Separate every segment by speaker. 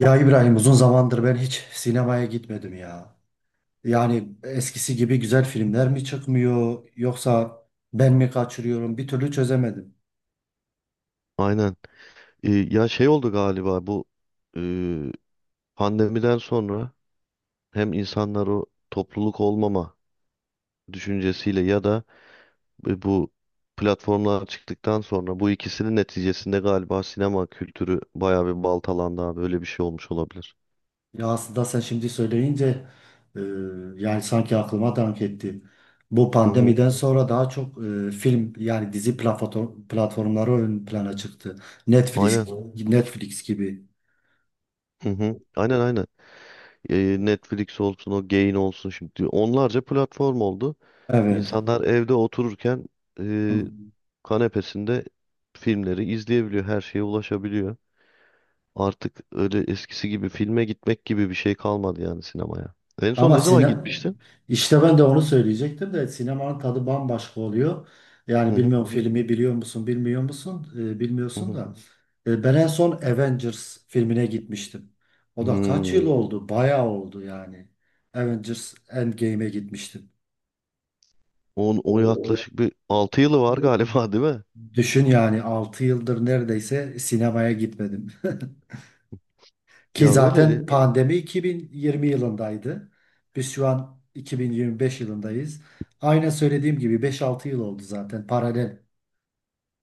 Speaker 1: Ya İbrahim, uzun zamandır ben hiç sinemaya gitmedim ya. Yani eskisi gibi güzel filmler mi çıkmıyor, yoksa ben mi kaçırıyorum, bir türlü çözemedim.
Speaker 2: Aynen. Ya şey oldu galiba bu e, pandemiden sonra hem insanlar o topluluk olmama düşüncesiyle ya da bu platformlar çıktıktan sonra bu ikisinin neticesinde galiba sinema kültürü bayağı bir baltalandı abi. Öyle bir şey olmuş olabilir.
Speaker 1: Ya aslında sen şimdi söyleyince e, yani sanki aklıma dank etti. Bu
Speaker 2: Hı hı.
Speaker 1: pandemiden sonra daha çok film yani dizi platformları ön plana çıktı. Netflix,
Speaker 2: Aynen.
Speaker 1: Netflix gibi.
Speaker 2: Hı hı. Aynen aynen. Netflix olsun o Gain olsun şimdi onlarca platform oldu.
Speaker 1: Evet.
Speaker 2: İnsanlar evde otururken e, kanepesinde filmleri izleyebiliyor. Her şeye ulaşabiliyor. Artık öyle eskisi gibi filme gitmek gibi bir şey kalmadı yani sinemaya. En son
Speaker 1: Ama
Speaker 2: ne zaman
Speaker 1: sinem
Speaker 2: gitmiştin?
Speaker 1: işte ben de onu söyleyecektim de sinemanın tadı bambaşka oluyor.
Speaker 2: Hı
Speaker 1: Yani
Speaker 2: hı,
Speaker 1: bilmiyorum. Evet. Filmi biliyor musun, bilmiyor musun? Ee,
Speaker 2: hı
Speaker 1: bilmiyorsun
Speaker 2: hı.
Speaker 1: da. Ben en son Avengers filmine gitmiştim. O da kaç yıl
Speaker 2: Hmm.
Speaker 1: oldu? Bayağı oldu yani. Avengers Endgame'e gitmiştim.
Speaker 2: On, o yaklaşık bir 6 yılı var galiba değil mi?
Speaker 1: Düşün yani 6 yıldır neredeyse sinemaya gitmedim. Ki
Speaker 2: Ya öyle.
Speaker 1: zaten pandemi 2020 yılındaydı. Biz şu an 2025 yılındayız. Aynen söylediğim gibi 5-6 yıl oldu zaten paralel.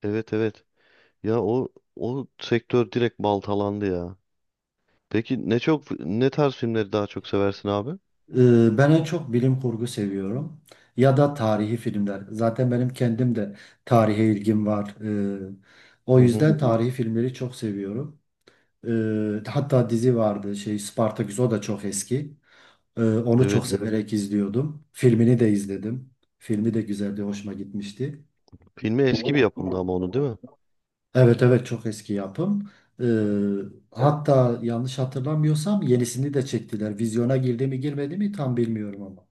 Speaker 2: Evet evet. Ya o sektör direkt baltalandı ya. Peki ne çok ne tarz filmleri daha çok seversin abi?
Speaker 1: Ben en çok bilim kurgu seviyorum. Ya da tarihi filmler. Zaten benim kendim de tarihe ilgim var. Ee, o
Speaker 2: Hı hı.
Speaker 1: yüzden tarihi filmleri çok seviyorum. Hatta dizi vardı, şey, Spartaküs, o da çok eski. Onu
Speaker 2: Evet.
Speaker 1: çok severek izliyordum. Filmini de izledim. Filmi de güzeldi, hoşuma gitmişti.
Speaker 2: Filmi eski bir yapımdı ama onu değil mi?
Speaker 1: Evet, evet, çok eski yapım. Ee, hatta yanlış hatırlamıyorsam yenisini de çektiler. Vizyona girdi mi girmedi mi tam bilmiyorum ama.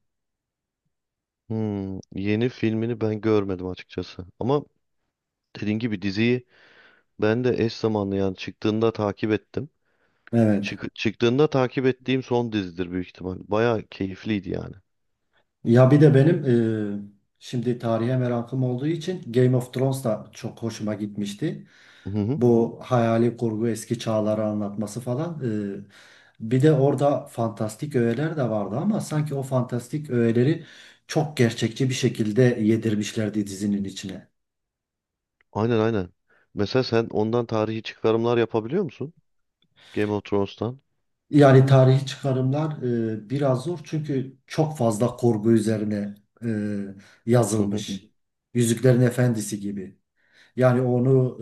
Speaker 2: Hmm. Yeni filmini ben görmedim açıkçası. Ama dediğin gibi diziyi ben de eş zamanlı yani çıktığında takip ettim.
Speaker 1: Evet.
Speaker 2: Çıktığında takip ettiğim son dizidir büyük ihtimal. Baya keyifliydi yani.
Speaker 1: Ya bir de benim şimdi tarihe merakım olduğu için Game of Thrones da çok hoşuma gitmişti.
Speaker 2: Hı hı.
Speaker 1: Bu hayali kurgu eski çağları anlatması falan. Bir de orada fantastik öğeler de vardı ama sanki o fantastik öğeleri çok gerçekçi bir şekilde yedirmişlerdi dizinin içine.
Speaker 2: Aynen aynen. Mesela sen ondan tarihi çıkarımlar yapabiliyor musun? Game of Thrones'tan.
Speaker 1: Yani tarihi çıkarımlar biraz zor çünkü çok fazla korku üzerine e,
Speaker 2: Hı hı.
Speaker 1: yazılmış. Yüzüklerin Efendisi gibi. Yani onu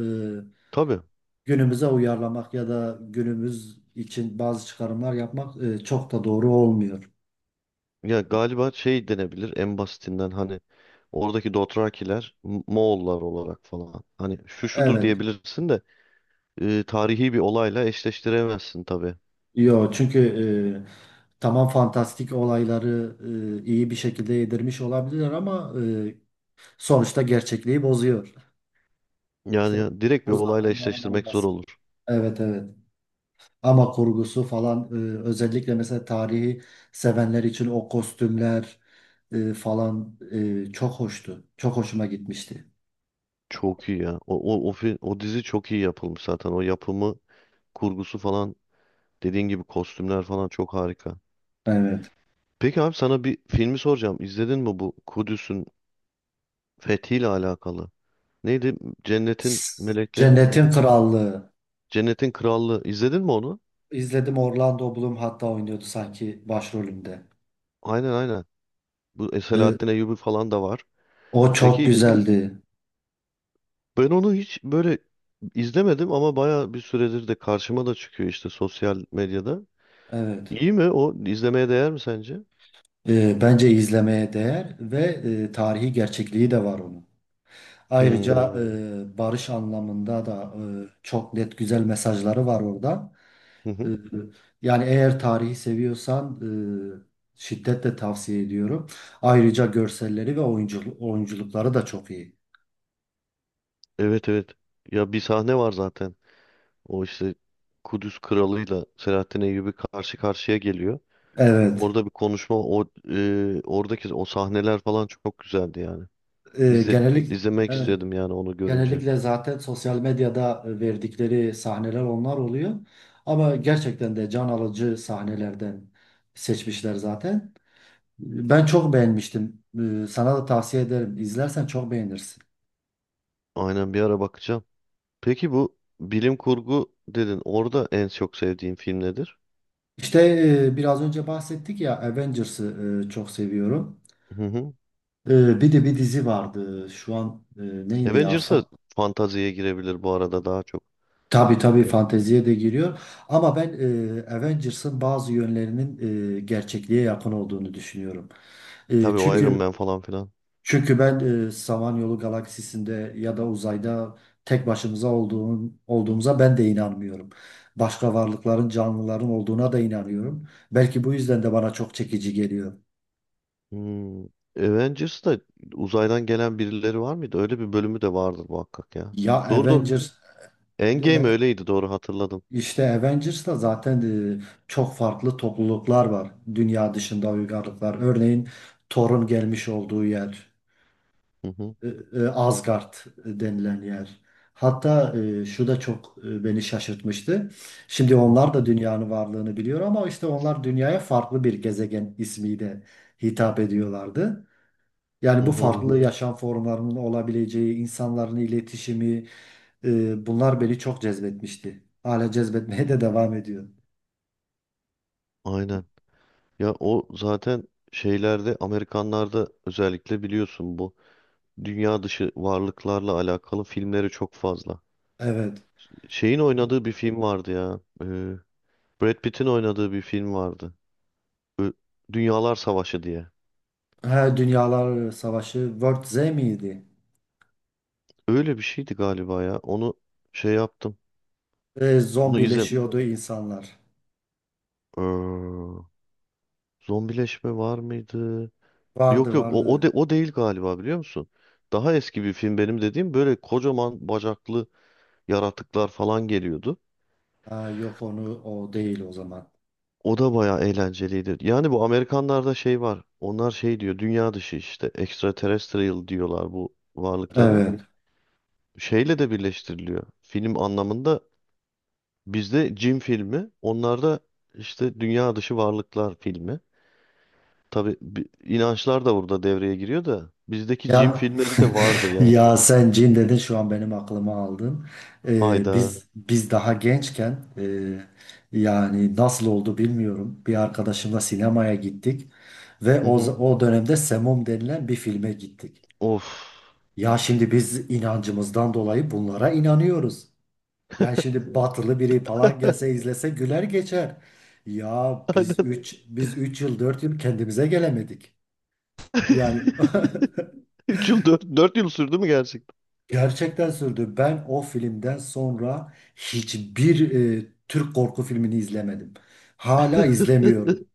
Speaker 1: e,
Speaker 2: Tabii.
Speaker 1: günümüze uyarlamak ya da günümüz için bazı çıkarımlar yapmak çok da doğru olmuyor.
Speaker 2: Ya galiba şey denebilir en basitinden hani oradaki Dothrakiler Moğollar olarak falan. Hani şu şudur
Speaker 1: Evet.
Speaker 2: diyebilirsin de tarihi bir olayla eşleştiremezsin tabii.
Speaker 1: Yo, çünkü tamam, fantastik olayları iyi bir şekilde yedirmiş olabilirler ama sonuçta gerçekliği bozuyor. İşte
Speaker 2: Yani ya, direkt bir
Speaker 1: bu
Speaker 2: olayla
Speaker 1: adamların
Speaker 2: eşleştirmek zor
Speaker 1: olması.
Speaker 2: olur.
Speaker 1: Evet, evet. Ama kurgusu falan özellikle mesela tarihi sevenler için o kostümler falan çok hoştu. Çok hoşuma gitmişti.
Speaker 2: Çok iyi ya. O dizi çok iyi yapılmış zaten. O yapımı, kurgusu falan dediğin gibi kostümler falan çok harika.
Speaker 1: Evet.
Speaker 2: Peki abi sana bir filmi soracağım. İzledin mi bu Kudüs'ün fethiyle alakalı? Neydi? Cennetin melekleri mi
Speaker 1: Cennetin
Speaker 2: dedi?
Speaker 1: Krallığı.
Speaker 2: Cennetin krallığı. İzledin mi onu?
Speaker 1: İzledim, Orlando Bloom hatta oynuyordu sanki başrolünde.
Speaker 2: Aynen aynen. Bu
Speaker 1: E,
Speaker 2: Selahattin Eyyubi falan da var.
Speaker 1: o çok
Speaker 2: Peki
Speaker 1: güzeldi.
Speaker 2: ben onu hiç böyle izlemedim ama baya bir süredir de karşıma da çıkıyor işte sosyal medyada.
Speaker 1: Evet.
Speaker 2: İyi mi o? İzlemeye değer mi sence?
Speaker 1: Bence izlemeye değer ve tarihi gerçekliği de var onun. Ayrıca,
Speaker 2: Hmm.
Speaker 1: evet, barış anlamında da çok net güzel mesajları var orada.
Speaker 2: Hı
Speaker 1: Ee,
Speaker 2: hı.
Speaker 1: Yani eğer tarihi seviyorsan şiddetle tavsiye ediyorum. Ayrıca görselleri ve oyunculukları da çok iyi.
Speaker 2: Evet evet. Ya bir sahne var zaten. O işte Kudüs kralıyla Selahattin Eyyubi karşı karşıya geliyor.
Speaker 1: Evet.
Speaker 2: Orada bir konuşma oradaki o sahneler falan çok güzeldi yani. İzle,
Speaker 1: Genellik
Speaker 2: izlemek
Speaker 1: Evet.
Speaker 2: istedim yani onu görünce.
Speaker 1: Genellikle zaten sosyal medyada verdikleri sahneler onlar oluyor. Ama gerçekten de can alıcı sahnelerden seçmişler zaten. Ben çok beğenmiştim. Sana da tavsiye ederim. İzlersen çok beğenirsin.
Speaker 2: Aynen bir ara bakacağım. Peki bu bilim kurgu dedin. Orada en çok sevdiğin film nedir?
Speaker 1: İşte biraz önce bahsettik ya Avengers'ı çok seviyorum.
Speaker 2: Hı hı.
Speaker 1: Bir de bir dizi vardı. Şu an neydi ya? Fa-
Speaker 2: Avengers'a fantaziye girebilir bu arada daha çok.
Speaker 1: tabii tabii
Speaker 2: Ya,
Speaker 1: fanteziye de giriyor. Ama ben Avengers'ın bazı yönlerinin gerçekliğe yakın olduğunu düşünüyorum. E,
Speaker 2: tabii o
Speaker 1: çünkü
Speaker 2: Iron Man
Speaker 1: evet,
Speaker 2: falan filan.
Speaker 1: çünkü ben Samanyolu galaksisinde ya da uzayda tek başımıza olduğumuza ben de inanmıyorum. Başka varlıkların, canlıların olduğuna da inanıyorum. Belki bu yüzden de bana çok çekici geliyor.
Speaker 2: Hmm. Avengers'ta uzaydan gelen birileri var mıydı? Öyle bir bölümü de vardır muhakkak ya.
Speaker 1: Ya
Speaker 2: Doğru doğru.
Speaker 1: Avengers
Speaker 2: Endgame öyleydi doğru hatırladım.
Speaker 1: İşte Avengers'ta zaten e, çok farklı topluluklar var, dünya dışında uygarlıklar. Örneğin Thor'un gelmiş olduğu yer,
Speaker 2: Hı hı,
Speaker 1: Asgard denilen yer. Hatta şu da çok beni şaşırtmıştı. Şimdi
Speaker 2: hı hı,
Speaker 1: onlar da dünyanın varlığını biliyor ama işte onlar dünyaya farklı bir gezegen ismiyle hitap ediyorlardı. Yani
Speaker 2: hı
Speaker 1: bu
Speaker 2: hı,
Speaker 1: farklı yaşam formlarının olabileceği, insanların iletişimi, bunlar beni çok cezbetmişti. Hala cezbetmeye de devam ediyor.
Speaker 2: aynen. Ya o zaten şeylerde Amerikanlarda özellikle biliyorsun bu dünya dışı varlıklarla alakalı filmleri çok fazla.
Speaker 1: Evet.
Speaker 2: Şeyin oynadığı bir film vardı ya. Brad Pitt'in oynadığı bir film vardı. Ö- Dünyalar Savaşı diye.
Speaker 1: Ha, Dünyalar Savaşı, World Z miydi?
Speaker 2: Öyle bir şeydi galiba ya. Onu şey yaptım.
Speaker 1: E,
Speaker 2: Onu izle.
Speaker 1: zombileşiyordu insanlar.
Speaker 2: Ee, Zombileşme var mıydı? Yok
Speaker 1: Vardı,
Speaker 2: yok
Speaker 1: vardı.
Speaker 2: o değil galiba biliyor musun? Daha eski bir film benim dediğim böyle kocaman bacaklı yaratıklar falan geliyordu.
Speaker 1: Ha, yok, onu o değil o zaman.
Speaker 2: O da bayağı eğlenceliydi. Yani bu Amerikanlarda şey var. Onlar şey diyor dünya dışı işte extraterrestrial diyorlar bu varlıklara.
Speaker 1: Evet.
Speaker 2: Şeyle de birleştiriliyor. Film anlamında bizde cin filmi, onlarda işte dünya dışı varlıklar filmi. Tabii inançlar da burada devreye giriyor da bizdeki cin
Speaker 1: Ya,
Speaker 2: filmleri de vardır yani.
Speaker 1: ya sen cin dedin, şu an benim aklıma aldın. E,
Speaker 2: Hayda.
Speaker 1: biz biz daha gençken yani nasıl oldu bilmiyorum. Bir arkadaşımla sinemaya gittik ve
Speaker 2: Hı hı.
Speaker 1: o dönemde Semum denilen bir filme gittik.
Speaker 2: Of.
Speaker 1: Ya şimdi biz inancımızdan dolayı bunlara inanıyoruz. Yani şimdi batılı biri falan gelse izlese güler geçer. Ya biz
Speaker 2: Aynen.
Speaker 1: üç biz üç yıl 4 yıl kendimize gelemedik. Yani
Speaker 2: Üç yıl dört yıl sürdü mü gerçekten?
Speaker 1: gerçekten sürdü. Ben o filmden sonra hiçbir Türk korku filmini izlemedim. Hala izlemiyorum.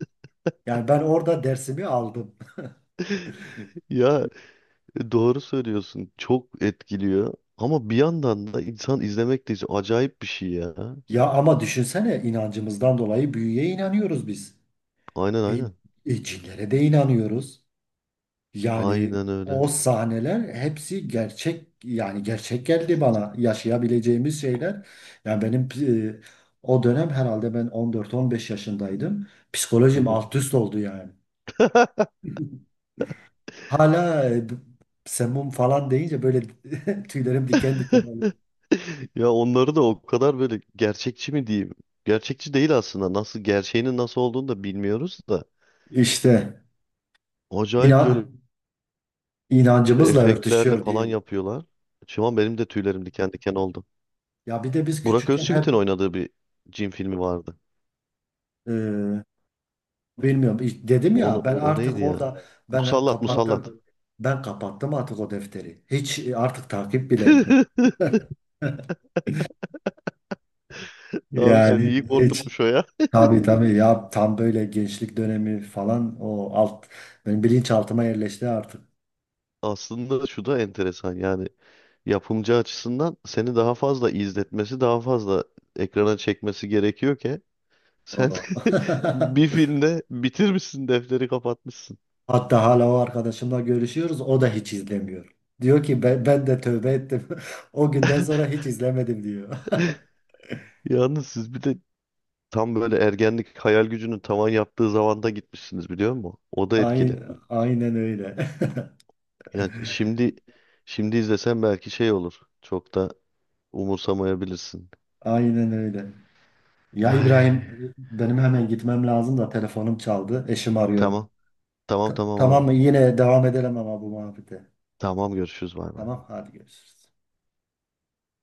Speaker 1: Yani ben orada dersimi aldım.
Speaker 2: Ya doğru söylüyorsun. Çok etkiliyor. Ama bir yandan da insan izlemek de acayip bir şey ya.
Speaker 1: Ya ama düşünsene, inancımızdan dolayı büyüye inanıyoruz biz.
Speaker 2: Aynen
Speaker 1: E,
Speaker 2: aynen.
Speaker 1: cinlere de inanıyoruz. Yani
Speaker 2: Aynen öyle.
Speaker 1: o sahneler hepsi gerçek, yani gerçek geldi bana, yaşayabileceğimiz şeyler. Yani benim e, o dönem herhalde ben 14-15 yaşındaydım. Psikolojim alt üst oldu yani. Hala semum falan deyince böyle tüylerim diken diken oluyor.
Speaker 2: Ya onları da o kadar böyle gerçekçi mi diyeyim? Gerçekçi değil aslında. Nasıl gerçeğinin nasıl olduğunu da bilmiyoruz da.
Speaker 1: İşte
Speaker 2: Acayip böyle
Speaker 1: inan, inancımızla
Speaker 2: efektlerle
Speaker 1: örtüşüyor
Speaker 2: falan
Speaker 1: diyelim.
Speaker 2: yapıyorlar. Şu an benim de tüylerim diken diken oldu.
Speaker 1: Ya bir de biz
Speaker 2: Burak
Speaker 1: küçükken hep.
Speaker 2: Özçivit'in oynadığı bir cin filmi vardı.
Speaker 1: e, Bilmiyorum. İşte dedim ya,
Speaker 2: Onu
Speaker 1: ben
Speaker 2: o
Speaker 1: artık
Speaker 2: neydi ya?
Speaker 1: orada ben
Speaker 2: Musallat, Musallat.
Speaker 1: kapattım. Ben kapattım artık o defteri. Hiç artık takip bile etmedim.
Speaker 2: Abi seni
Speaker 1: Yani
Speaker 2: iyi
Speaker 1: hiç.
Speaker 2: korkutmuş o ya.
Speaker 1: Tabii, tabii ya, tam böyle gençlik dönemi falan, o alt benim bilinçaltıma yerleşti artık.
Speaker 2: Aslında şu da enteresan yani yapımcı açısından seni daha fazla izletmesi, daha fazla ekrana çekmesi gerekiyor ki sen
Speaker 1: O.
Speaker 2: bir filmde bitirmişsin, defteri kapatmışsın.
Speaker 1: Hatta hala o arkadaşımla görüşüyoruz. O da hiç izlemiyor. Diyor ki, ben de tövbe ettim. O günden sonra hiç izlemedim, diyor.
Speaker 2: Yalnız siz bir de tam böyle ergenlik hayal gücünün tavan yaptığı zamanda gitmişsiniz biliyor musun? O da etkili.
Speaker 1: Aynen, aynen öyle.
Speaker 2: Ya şimdi izlesen belki şey olur. Çok da umursamayabilirsin.
Speaker 1: Aynen öyle. Ya İbrahim,
Speaker 2: Ay,
Speaker 1: benim hemen gitmem lazım, da telefonum çaldı. Eşim arıyor.
Speaker 2: tamam. Tamam tamam
Speaker 1: Tamam
Speaker 2: abi.
Speaker 1: mı? Yine devam edelim ama bu muhabbete.
Speaker 2: Tamam görüşürüz bay bay.
Speaker 1: Tamam, hadi görüşürüz.